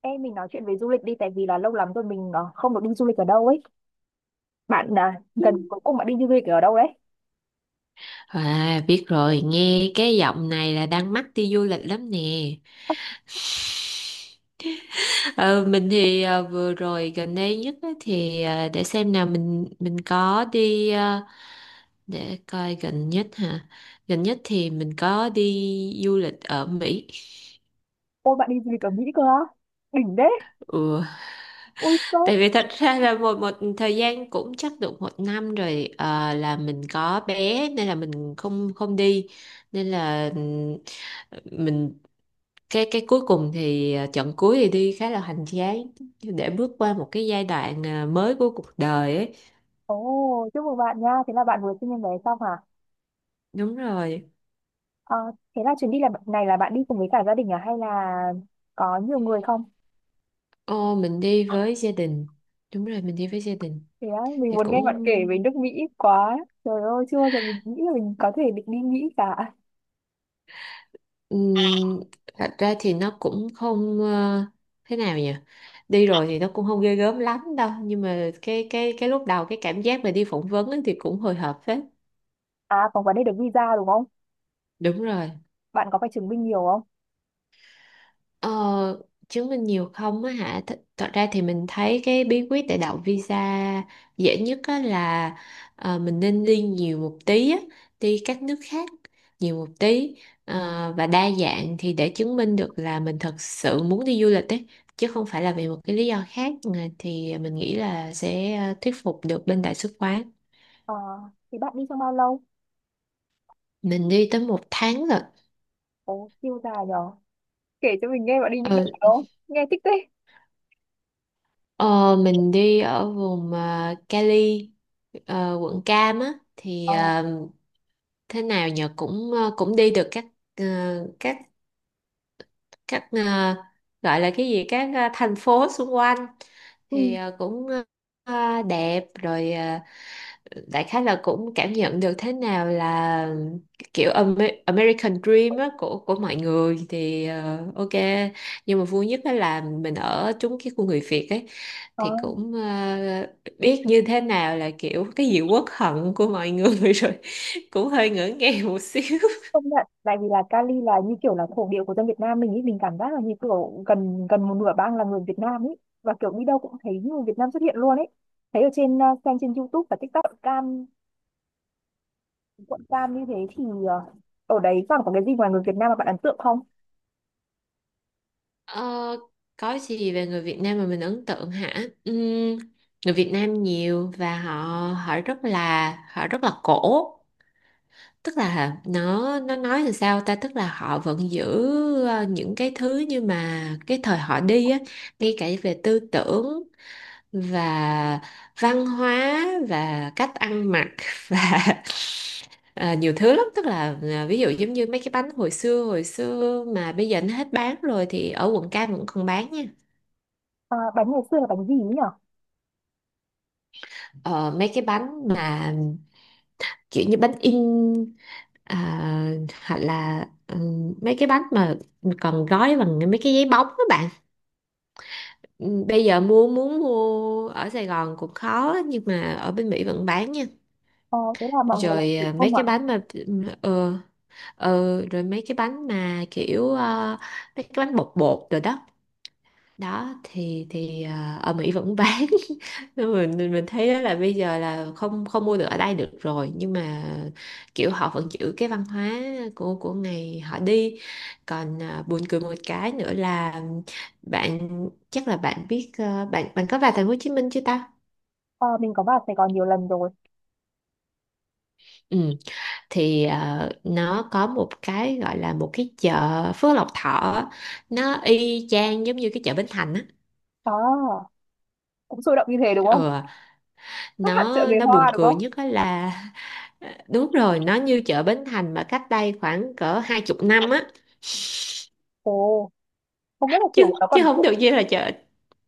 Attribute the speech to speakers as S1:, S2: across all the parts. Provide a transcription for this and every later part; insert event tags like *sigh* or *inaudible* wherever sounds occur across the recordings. S1: Ê, mình nói chuyện về du lịch đi, tại vì là lâu lắm rồi mình không được đi du lịch ở đâu ấy. Bạn à, gần cuối cùng bạn đi du lịch ở đâu đấy?
S2: À, biết rồi, nghe cái giọng này là đang mắc đi du lịch lắm nè. Ờ, mình thì vừa rồi gần đây nhất á thì để xem nào mình có đi để coi gần nhất hả? Gần nhất thì mình có đi du lịch ở Mỹ.
S1: Ôi, bạn đi du lịch ở Mỹ cơ á? Đỉnh đấy.
S2: Ừ.
S1: Ui sốc.
S2: Tại vì thật ra là một một thời gian cũng chắc được một năm rồi, là mình có bé nên là mình không không đi, nên là mình cái cuối cùng thì trận cuối thì đi khá là hoành tráng để bước qua một cái giai đoạn mới của cuộc đời ấy.
S1: Ồ, chúc mừng bạn nha. Thế là bạn vừa sinh em bé xong hả?
S2: Đúng rồi.
S1: Ờ, thế là chuyến đi là này là bạn đi cùng với cả gia đình à, hay là có nhiều người không?
S2: Ô, mình đi với gia đình. Đúng rồi, mình đi với gia đình.
S1: Thế á, mình
S2: Thì
S1: muốn
S2: cũng.
S1: nghe bạn kể về nước Mỹ quá. Trời ơi, chưa bao giờ mình nghĩ là mình có thể định đi Mỹ cả.
S2: Ừm, thật ra thì nó cũng không, thế nào nhỉ? Đi rồi thì nó cũng không ghê gớm lắm đâu, nhưng mà cái lúc đầu cái cảm giác mà đi phỏng vấn ấy thì cũng hồi hộp phết.
S1: À, còn vấn đề được visa đúng không?
S2: Đúng rồi.
S1: Bạn có phải chứng minh nhiều không?
S2: Ờ, chứng minh nhiều không á hả? Thật ra thì mình thấy cái bí quyết để đậu visa dễ nhất á là mình nên đi nhiều một tí á, đi các nước khác nhiều một tí, và đa dạng thì để chứng minh được là mình thật sự muốn đi du lịch ấy, chứ không phải là vì một cái lý do khác. Ờ, thì mình nghĩ là sẽ thuyết phục được bên đại sứ quán.
S1: Ờ, thế bạn đi trong bao lâu?
S2: Mình đi tới một tháng rồi.
S1: Ồ, siêu dài nhở. Kể cho mình nghe bạn đi những đâu
S2: Ừ.
S1: đó, nghe thích thế.
S2: Ờ, mình đi ở vùng Cali, quận Cam á thì
S1: Ờ,
S2: thế nào nhờ, cũng cũng đi được các, ờ, các các, gọi là cái gì, các thành phố xung quanh,
S1: ừ,
S2: thì cũng đẹp rồi. Ờ, Đại khái là cũng cảm nhận được thế nào là kiểu American Dream á, của mọi người, thì ok. Nhưng mà vui nhất đó là mình ở trúng cái khu người Việt ấy,
S1: ờ,
S2: thì cũng biết như thế nào là kiểu cái gì uất hận của mọi người *laughs* rồi cũng hơi ngỡ ngàng một xíu.
S1: công nhận, tại vì là Cali là như kiểu là thổ địa của dân Việt Nam mình ý, mình cảm giác là như kiểu gần gần một nửa bang là người Việt Nam ý, và kiểu đi đâu cũng thấy người Việt Nam xuất hiện luôn ấy. Thấy ở trên, xem trên YouTube và TikTok, quận Cam, quận Cam như thế thì ở đấy còn có cái gì ngoài người Việt Nam mà bạn ấn tượng không?
S2: Ờ, có gì về người Việt Nam mà mình ấn tượng hả? Người Việt Nam nhiều và họ họ rất là cổ. Tức là nó nói làm sao ta, tức là họ vẫn giữ những cái thứ như mà cái thời họ đi á, ngay cả về tư tưởng và văn hóa và cách ăn mặc *laughs* và ờ, nhiều thứ lắm, tức là ví dụ giống như mấy cái bánh hồi xưa mà bây giờ nó hết bán rồi thì ở quận Cam vẫn còn bán nha.
S1: À, bánh ngày xưa là bánh gì ý nhở?
S2: Ờ, mấy cái bánh mà kiểu như bánh in, à, hoặc là mấy cái bánh mà còn gói bằng mấy cái giấy bóng các bạn. Bây giờ muốn mua ở Sài Gòn cũng khó, nhưng mà ở bên Mỹ vẫn bán nha.
S1: Ờ, thế là mọi người làm
S2: Rồi,
S1: thủ
S2: à, mấy
S1: công ạ?
S2: cái bánh mà ờ rồi mấy cái bánh mà kiểu mấy cái bánh bột bột rồi đó. Đó thì à, ở Mỹ vẫn bán, *laughs* nên mình thấy đó là bây giờ là không không mua được ở đây được rồi, nhưng mà kiểu họ vẫn giữ cái văn hóa của ngày họ đi. Còn à, buồn cười một cái nữa là, bạn, chắc là bạn biết, à, bạn bạn có vào thành phố Hồ Chí Minh chưa ta?
S1: Ờ, mình có vào Sài Gòn nhiều lần rồi.
S2: Ừ. Thì nó có một cái gọi là một cái chợ Phước Lộc Thọ, nó y chang giống như cái chợ Bến Thành á.
S1: Đó, cũng sôi động như thế đúng không?
S2: Ừ,
S1: Khác hẳn chợ
S2: nó
S1: người
S2: nó buồn
S1: Hoa đúng
S2: cười
S1: không?
S2: nhất á là, *laughs* đúng rồi, nó như chợ Bến Thành mà cách đây khoảng cỡ 20 năm á.
S1: Ồ, không biết là kiểu
S2: chứ
S1: nó
S2: chứ
S1: còn,
S2: không được như là chợ.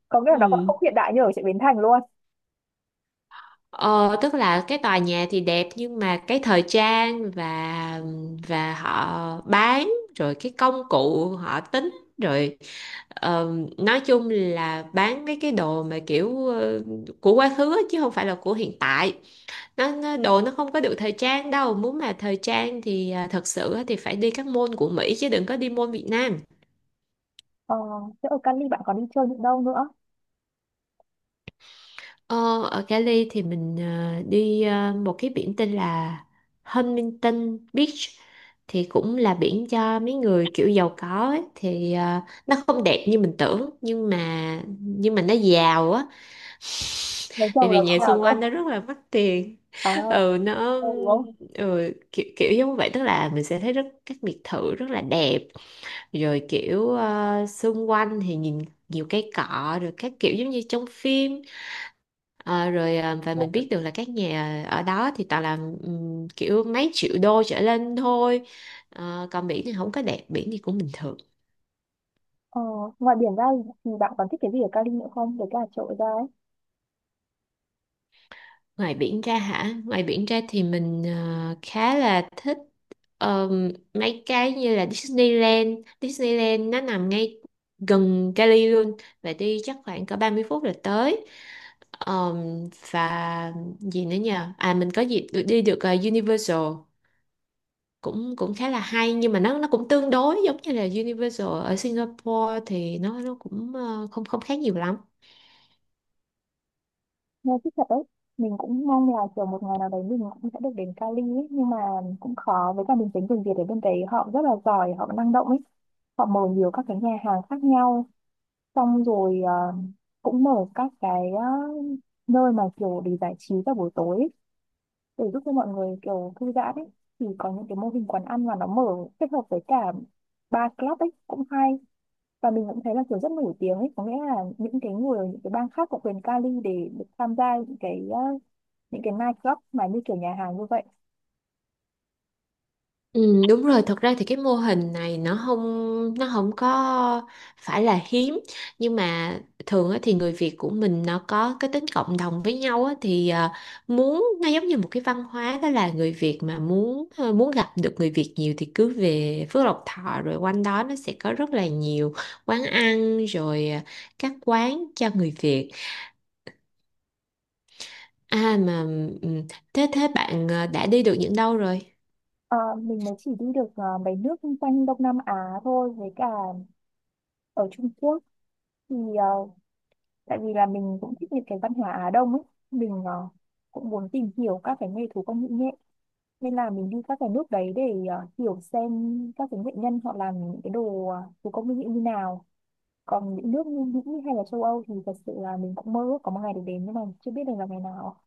S1: có nghĩa là nó còn
S2: Ừ.
S1: không hiện đại như ở chợ Bến Thành luôn.
S2: ờ, Tức là cái tòa nhà thì đẹp, nhưng mà cái thời trang và họ bán, rồi cái công cụ họ tính, rồi ờ, nói chung là bán mấy cái đồ mà kiểu của quá khứ á, chứ không phải là của hiện tại. Nó đồ nó không có được thời trang đâu, muốn mà thời trang thì à, thật sự á thì phải đi các môn của Mỹ chứ đừng có đi môn Việt Nam.
S1: Ờ, thế ở Cali bạn còn đi chơi những đâu nữa?
S2: Ờ, ở Cali thì mình, à, đi, à, một cái biển tên là Huntington Beach, thì cũng là biển cho mấy người kiểu giàu có ấy. Thì à, nó không đẹp như mình tưởng, nhưng mà nó giàu á,
S1: Lấy
S2: bởi
S1: chồng là
S2: vì nhà
S1: cũng nào
S2: xung
S1: cơ.
S2: quanh nó rất là mắc tiền.
S1: À,
S2: *laughs* Ừ, nó,
S1: ừ, đúng không.
S2: ừ, kiểu, kiểu giống vậy, tức là mình sẽ thấy rất các biệt thự rất là đẹp, rồi kiểu xung quanh thì nhìn nhiều cây cọ, rồi các kiểu giống như trong phim. Ờ, rồi và mình biết được là các nhà ở đó thì toàn là kiểu mấy triệu đô trở lên thôi. Còn biển thì không có đẹp, biển thì cũng bình thường.
S1: Ờ, ngoài biển ra thì bạn còn thích cái gì ở Cali nữa không, để cả chỗ ra ấy?
S2: Ngoài biển ra hả? Ngoài biển ra thì mình khá là thích mấy cái như là Disneyland. Disneyland nó nằm ngay gần Cali luôn, và đi chắc khoảng cỡ 30 phút là tới. Và gì nữa nhờ? À, mình có dịp được đi được, Universal, cũng cũng khá là hay, nhưng mà nó cũng tương đối giống như là Universal ở Singapore, thì nó cũng không không khác nhiều lắm.
S1: Nghe thích thật đấy. Mình cũng mong là kiểu một ngày nào đấy mình cũng sẽ được đến Cali ấy, nhưng mà cũng khó. Với cả mình tính người Việt ở bên đấy họ rất là giỏi, họ năng động ấy, họ mở nhiều các cái nhà hàng khác nhau, xong rồi cũng mở các cái nơi mà kiểu để giải trí vào buổi tối ấy, để giúp cho mọi người kiểu thư giãn ấy. Thì có những cái mô hình quán ăn mà nó mở kết hợp với cả bar club ấy cũng hay. Và mình cũng thấy là kiểu rất nổi tiếng ấy, có nghĩa là những cái người, những cái bang khác của quyền Cali để được tham gia những cái những cái night club mà như kiểu nhà hàng như vậy.
S2: Ừ, đúng rồi, thật ra thì cái mô hình này nó không có phải là hiếm, nhưng mà thường á, thì người Việt của mình nó có cái tính cộng đồng với nhau á, thì à, muốn nó giống như một cái văn hóa, đó là người Việt mà muốn, à, muốn gặp được người Việt nhiều thì cứ về Phước Lộc Thọ, rồi quanh đó nó sẽ có rất là nhiều quán ăn, rồi à, các quán cho người Việt. À mà, ừ, thế thế bạn, à, đã đi được những đâu rồi?
S1: Ờ, mình mới chỉ đi được mấy nước quanh Đông Nam Á thôi, với cả ở Trung Quốc, thì tại vì là mình cũng thích những cái văn hóa Á Đông ấy, mình cũng muốn tìm hiểu các cái nghề thủ công mỹ nghệ, nên là mình đi các cái nước đấy để hiểu xem các cái nghệ nhân họ làm những cái đồ thủ công mỹ nghệ như nào. Còn những nước như Mỹ hay là châu Âu thì thật sự là mình cũng mơ ước có một ngày được đến, nhưng mà chưa biết được là ngày nào.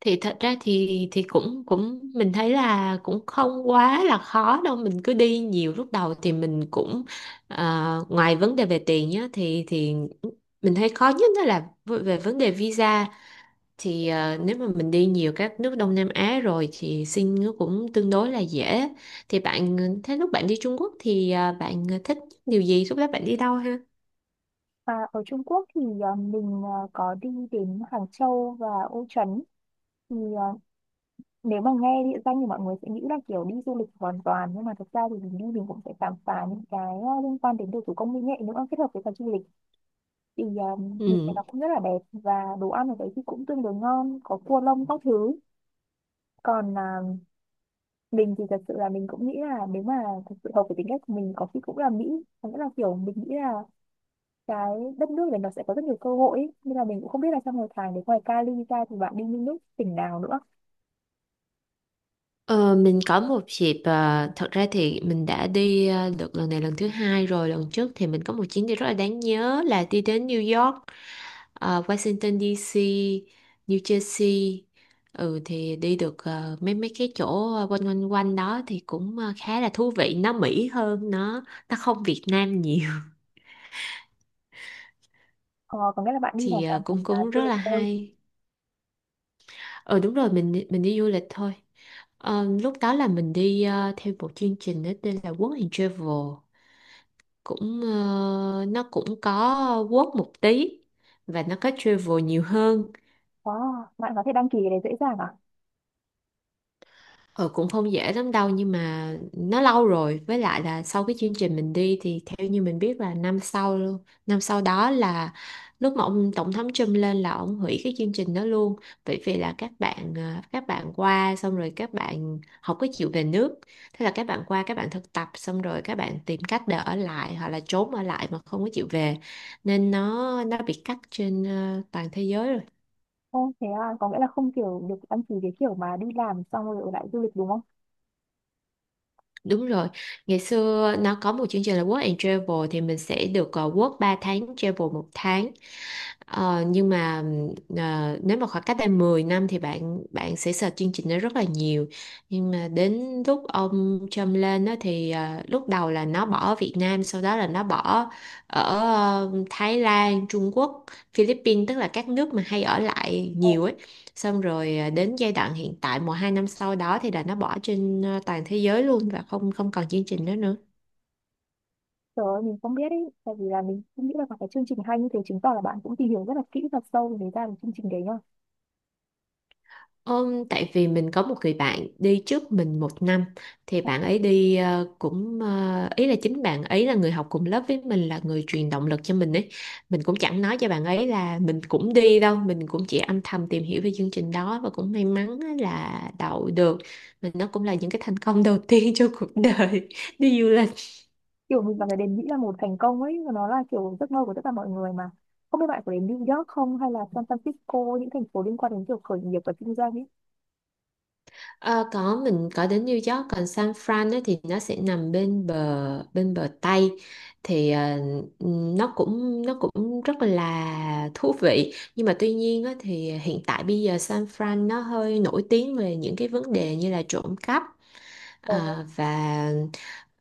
S2: Thì thật ra thì cũng cũng mình thấy là cũng không quá là khó đâu, mình cứ đi nhiều. Lúc đầu thì mình cũng ờ, ngoài vấn đề về tiền nhá, thì mình thấy khó nhất đó là, về vấn đề visa, thì nếu mà mình đi nhiều các nước Đông Nam Á rồi thì xin nó cũng tương đối là dễ. Thì bạn, thế lúc bạn đi Trung Quốc thì bạn thích điều gì, lúc đó bạn đi đâu ha?
S1: Và ở Trung Quốc thì mình có đi đến Hàng Châu và Ô Trấn. Thì ờ, nếu mà nghe địa danh thì mọi người sẽ nghĩ là kiểu đi du lịch hoàn toàn, nhưng mà thực ra thì mình đi mình cũng sẽ khám phá những cái liên quan đến đồ thủ công mỹ nghệ nữa, kết hợp với cả du lịch. Thì thịt này
S2: Ừ.
S1: nó cũng rất là đẹp, và đồ ăn ở đấy thì cũng tương đối ngon, có cua lông các thứ. Còn à, mình thì thật sự là mình cũng nghĩ là nếu mà thật sự hợp với tính cách của mình, có khi cũng là Mỹ. Có nghĩa là kiểu mình nghĩ là cái đất nước này nó sẽ có rất nhiều cơ hội ấy. Nên là mình cũng không biết là trong một tháng, đến ngoài Cali ra thì bạn đi những nước tỉnh nào nữa?
S2: Ờ, mình có một dịp, thật ra thì mình đã đi được lần này lần thứ hai rồi, lần trước thì mình có một chuyến đi rất là đáng nhớ là đi đến New York, Washington DC, New Jersey. Ừ, thì đi được mấy mấy cái chỗ quanh quanh quanh đó, thì cũng khá là thú vị, nó Mỹ hơn, nó không Việt Nam nhiều. *laughs*
S1: Ờ, có nghĩa là bạn đi
S2: Thì
S1: hoàn toàn
S2: cũng
S1: thành là
S2: cũng
S1: du
S2: rất
S1: lịch
S2: là
S1: thôi?
S2: hay. Ờ Đúng rồi, mình mình đi du lịch thôi. Lúc đó là mình đi theo một chương trình đó tên là Work and Travel. Cũng nó cũng có work một tí, và nó có travel nhiều hơn.
S1: Wow, bạn có thể đăng ký cái đấy dễ dàng à?
S2: Ừ, cũng không dễ lắm đâu, nhưng mà nó lâu rồi, với lại là sau cái chương trình mình đi thì theo như mình biết là năm sau luôn, năm sau đó là lúc mà ông tổng thống Trump lên là ông hủy cái chương trình đó luôn. Bởi vì là các bạn, à, các bạn qua xong rồi các bạn không có chịu về nước. Thế là các bạn qua, các bạn thực tập xong rồi các bạn tìm cách để ở lại, hoặc là trốn ở lại mà không có chịu về, nên nó bị cắt trên, à, toàn thế giới rồi.
S1: Ồ, thế à, có nghĩa là không kiểu được đăng ký cái kiểu mà đi làm xong rồi ở lại du lịch đúng không?
S2: Đúng rồi, ngày xưa nó có một chương trình là Work and Travel, thì mình sẽ được work 3 tháng, travel một tháng. Nhưng mà nếu mà khoảng cách đây 10 năm thì bạn bạn sẽ sợ chương trình đó rất là nhiều. Nhưng mà đến lúc ông Trump lên đó thì lúc đầu là nó bỏ Việt Nam, sau đó là nó bỏ ở, Thái Lan, Trung Quốc, Philippines, tức là các nước mà hay ở lại
S1: Ờ,
S2: nhiều ấy. Xong rồi đến giai đoạn hiện tại một hai năm sau đó thì là nó bỏ trên, ờ, toàn thế giới luôn, và không không còn chương trình đó nữa.
S1: trời ơi, mình không biết ý, tại vì là mình cũng nghĩ là có cái chương trình hay như thế, chứng tỏ là bạn cũng tìm hiểu rất là kỹ và sâu về ra được chương trình đấy nhá.
S2: Tại vì mình có một người bạn đi trước mình một năm, thì bạn ấy đi cũng ý là chính bạn ấy là người học cùng lớp với mình, là người truyền động lực cho mình ấy. Mình cũng chẳng nói cho bạn ấy là mình cũng đi đâu, mình cũng chỉ âm thầm tìm hiểu về chương trình đó và cũng may mắn á là đậu được. Mình, nó cũng là những cái thành công đầu tiên *laughs* trong cuộc đời *laughs* đi du lịch.
S1: Kiểu mình vào cái đền Mỹ là một thành công ấy, và nó là kiểu giấc mơ của tất cả mọi người mà. Không biết bạn có đến New York không, hay là San Francisco, những thành phố liên quan đến kiểu khởi nghiệp và kinh doanh ấy.
S2: Ờ, có, mình có đến New York, còn San Fran ấy, thì nó sẽ nằm bên bờ Tây. Thì nó cũng rất là thú vị, nhưng mà tuy nhiên á, thì hiện tại bây giờ San Fran nó hơi nổi tiếng về những cái vấn đề như là trộm cắp,
S1: Ồ,
S2: và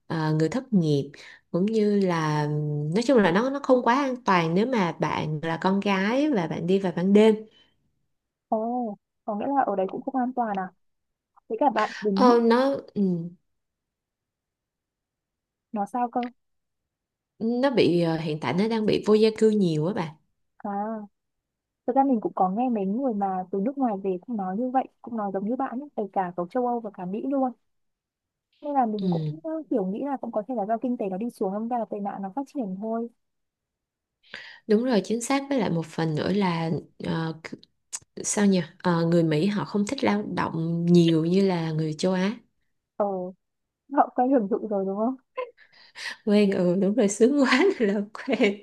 S2: ờ, người thất nghiệp, cũng như là, nói chung là nó không quá an toàn nếu mà bạn là con gái và bạn đi vào ban đêm.
S1: ồ, có nghĩa là ở đấy cũng không an toàn à? Thế cả bạn đến
S2: Ờ,
S1: Mỹ
S2: nó, ừ.
S1: nó sao cơ?
S2: Nó bị, hiện tại nó đang bị vô gia cư nhiều á bà.
S1: À, thực ra mình cũng có nghe mấy người mà từ nước ngoài về cũng nói như vậy, cũng nói giống như bạn ấy, kể cả ở châu Âu và cả Mỹ luôn. Nên là mình cũng
S2: Ừ,
S1: kiểu nghĩ là cũng có thể là do kinh tế nó đi xuống, đâm ra là tệ nạn nó phát triển thôi.
S2: đúng rồi, chính xác, với lại một phần nữa là ờ, c- sao nhỉ? Ờ, người Mỹ họ không thích lao động nhiều như là người châu Á.
S1: Ờ, họ quen hưởng thụ rồi đúng không.
S2: Quen, ừ, đúng rồi, sướng quá *laughs* là quen.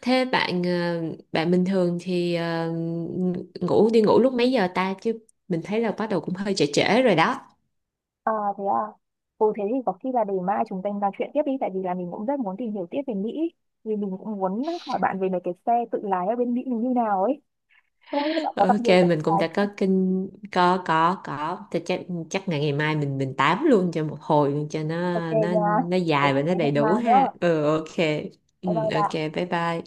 S2: Thế bạn, bạn bình thường thì ngủ lúc mấy giờ ta chứ? Mình thấy là bắt đầu cũng hơi trễ trễ rồi đó.
S1: À, thế à. Ừ, thế thì có khi là để mai chúng ta nói chuyện tiếp đi, tại vì là mình cũng rất muốn tìm hiểu tiếp về Mỹ. Vì mình cũng muốn hỏi bạn về mấy cái xe tự lái ở bên Mỹ mình như nào ấy, không biết là bạn có gặp
S2: Ok,
S1: nhiều tự
S2: mình cũng
S1: lái
S2: đã
S1: không.
S2: có thì chắc chắc ngày ngày mai mình tám luôn cho một hồi luôn cho nó.
S1: Ok
S2: nó
S1: nha,
S2: nó
S1: thế
S2: dài và nó đầy
S1: hẹn
S2: đủ
S1: mai nhá.
S2: ha. Ừ, ok. Ừ,
S1: Bye bye
S2: ok,
S1: bạn.
S2: bye bye.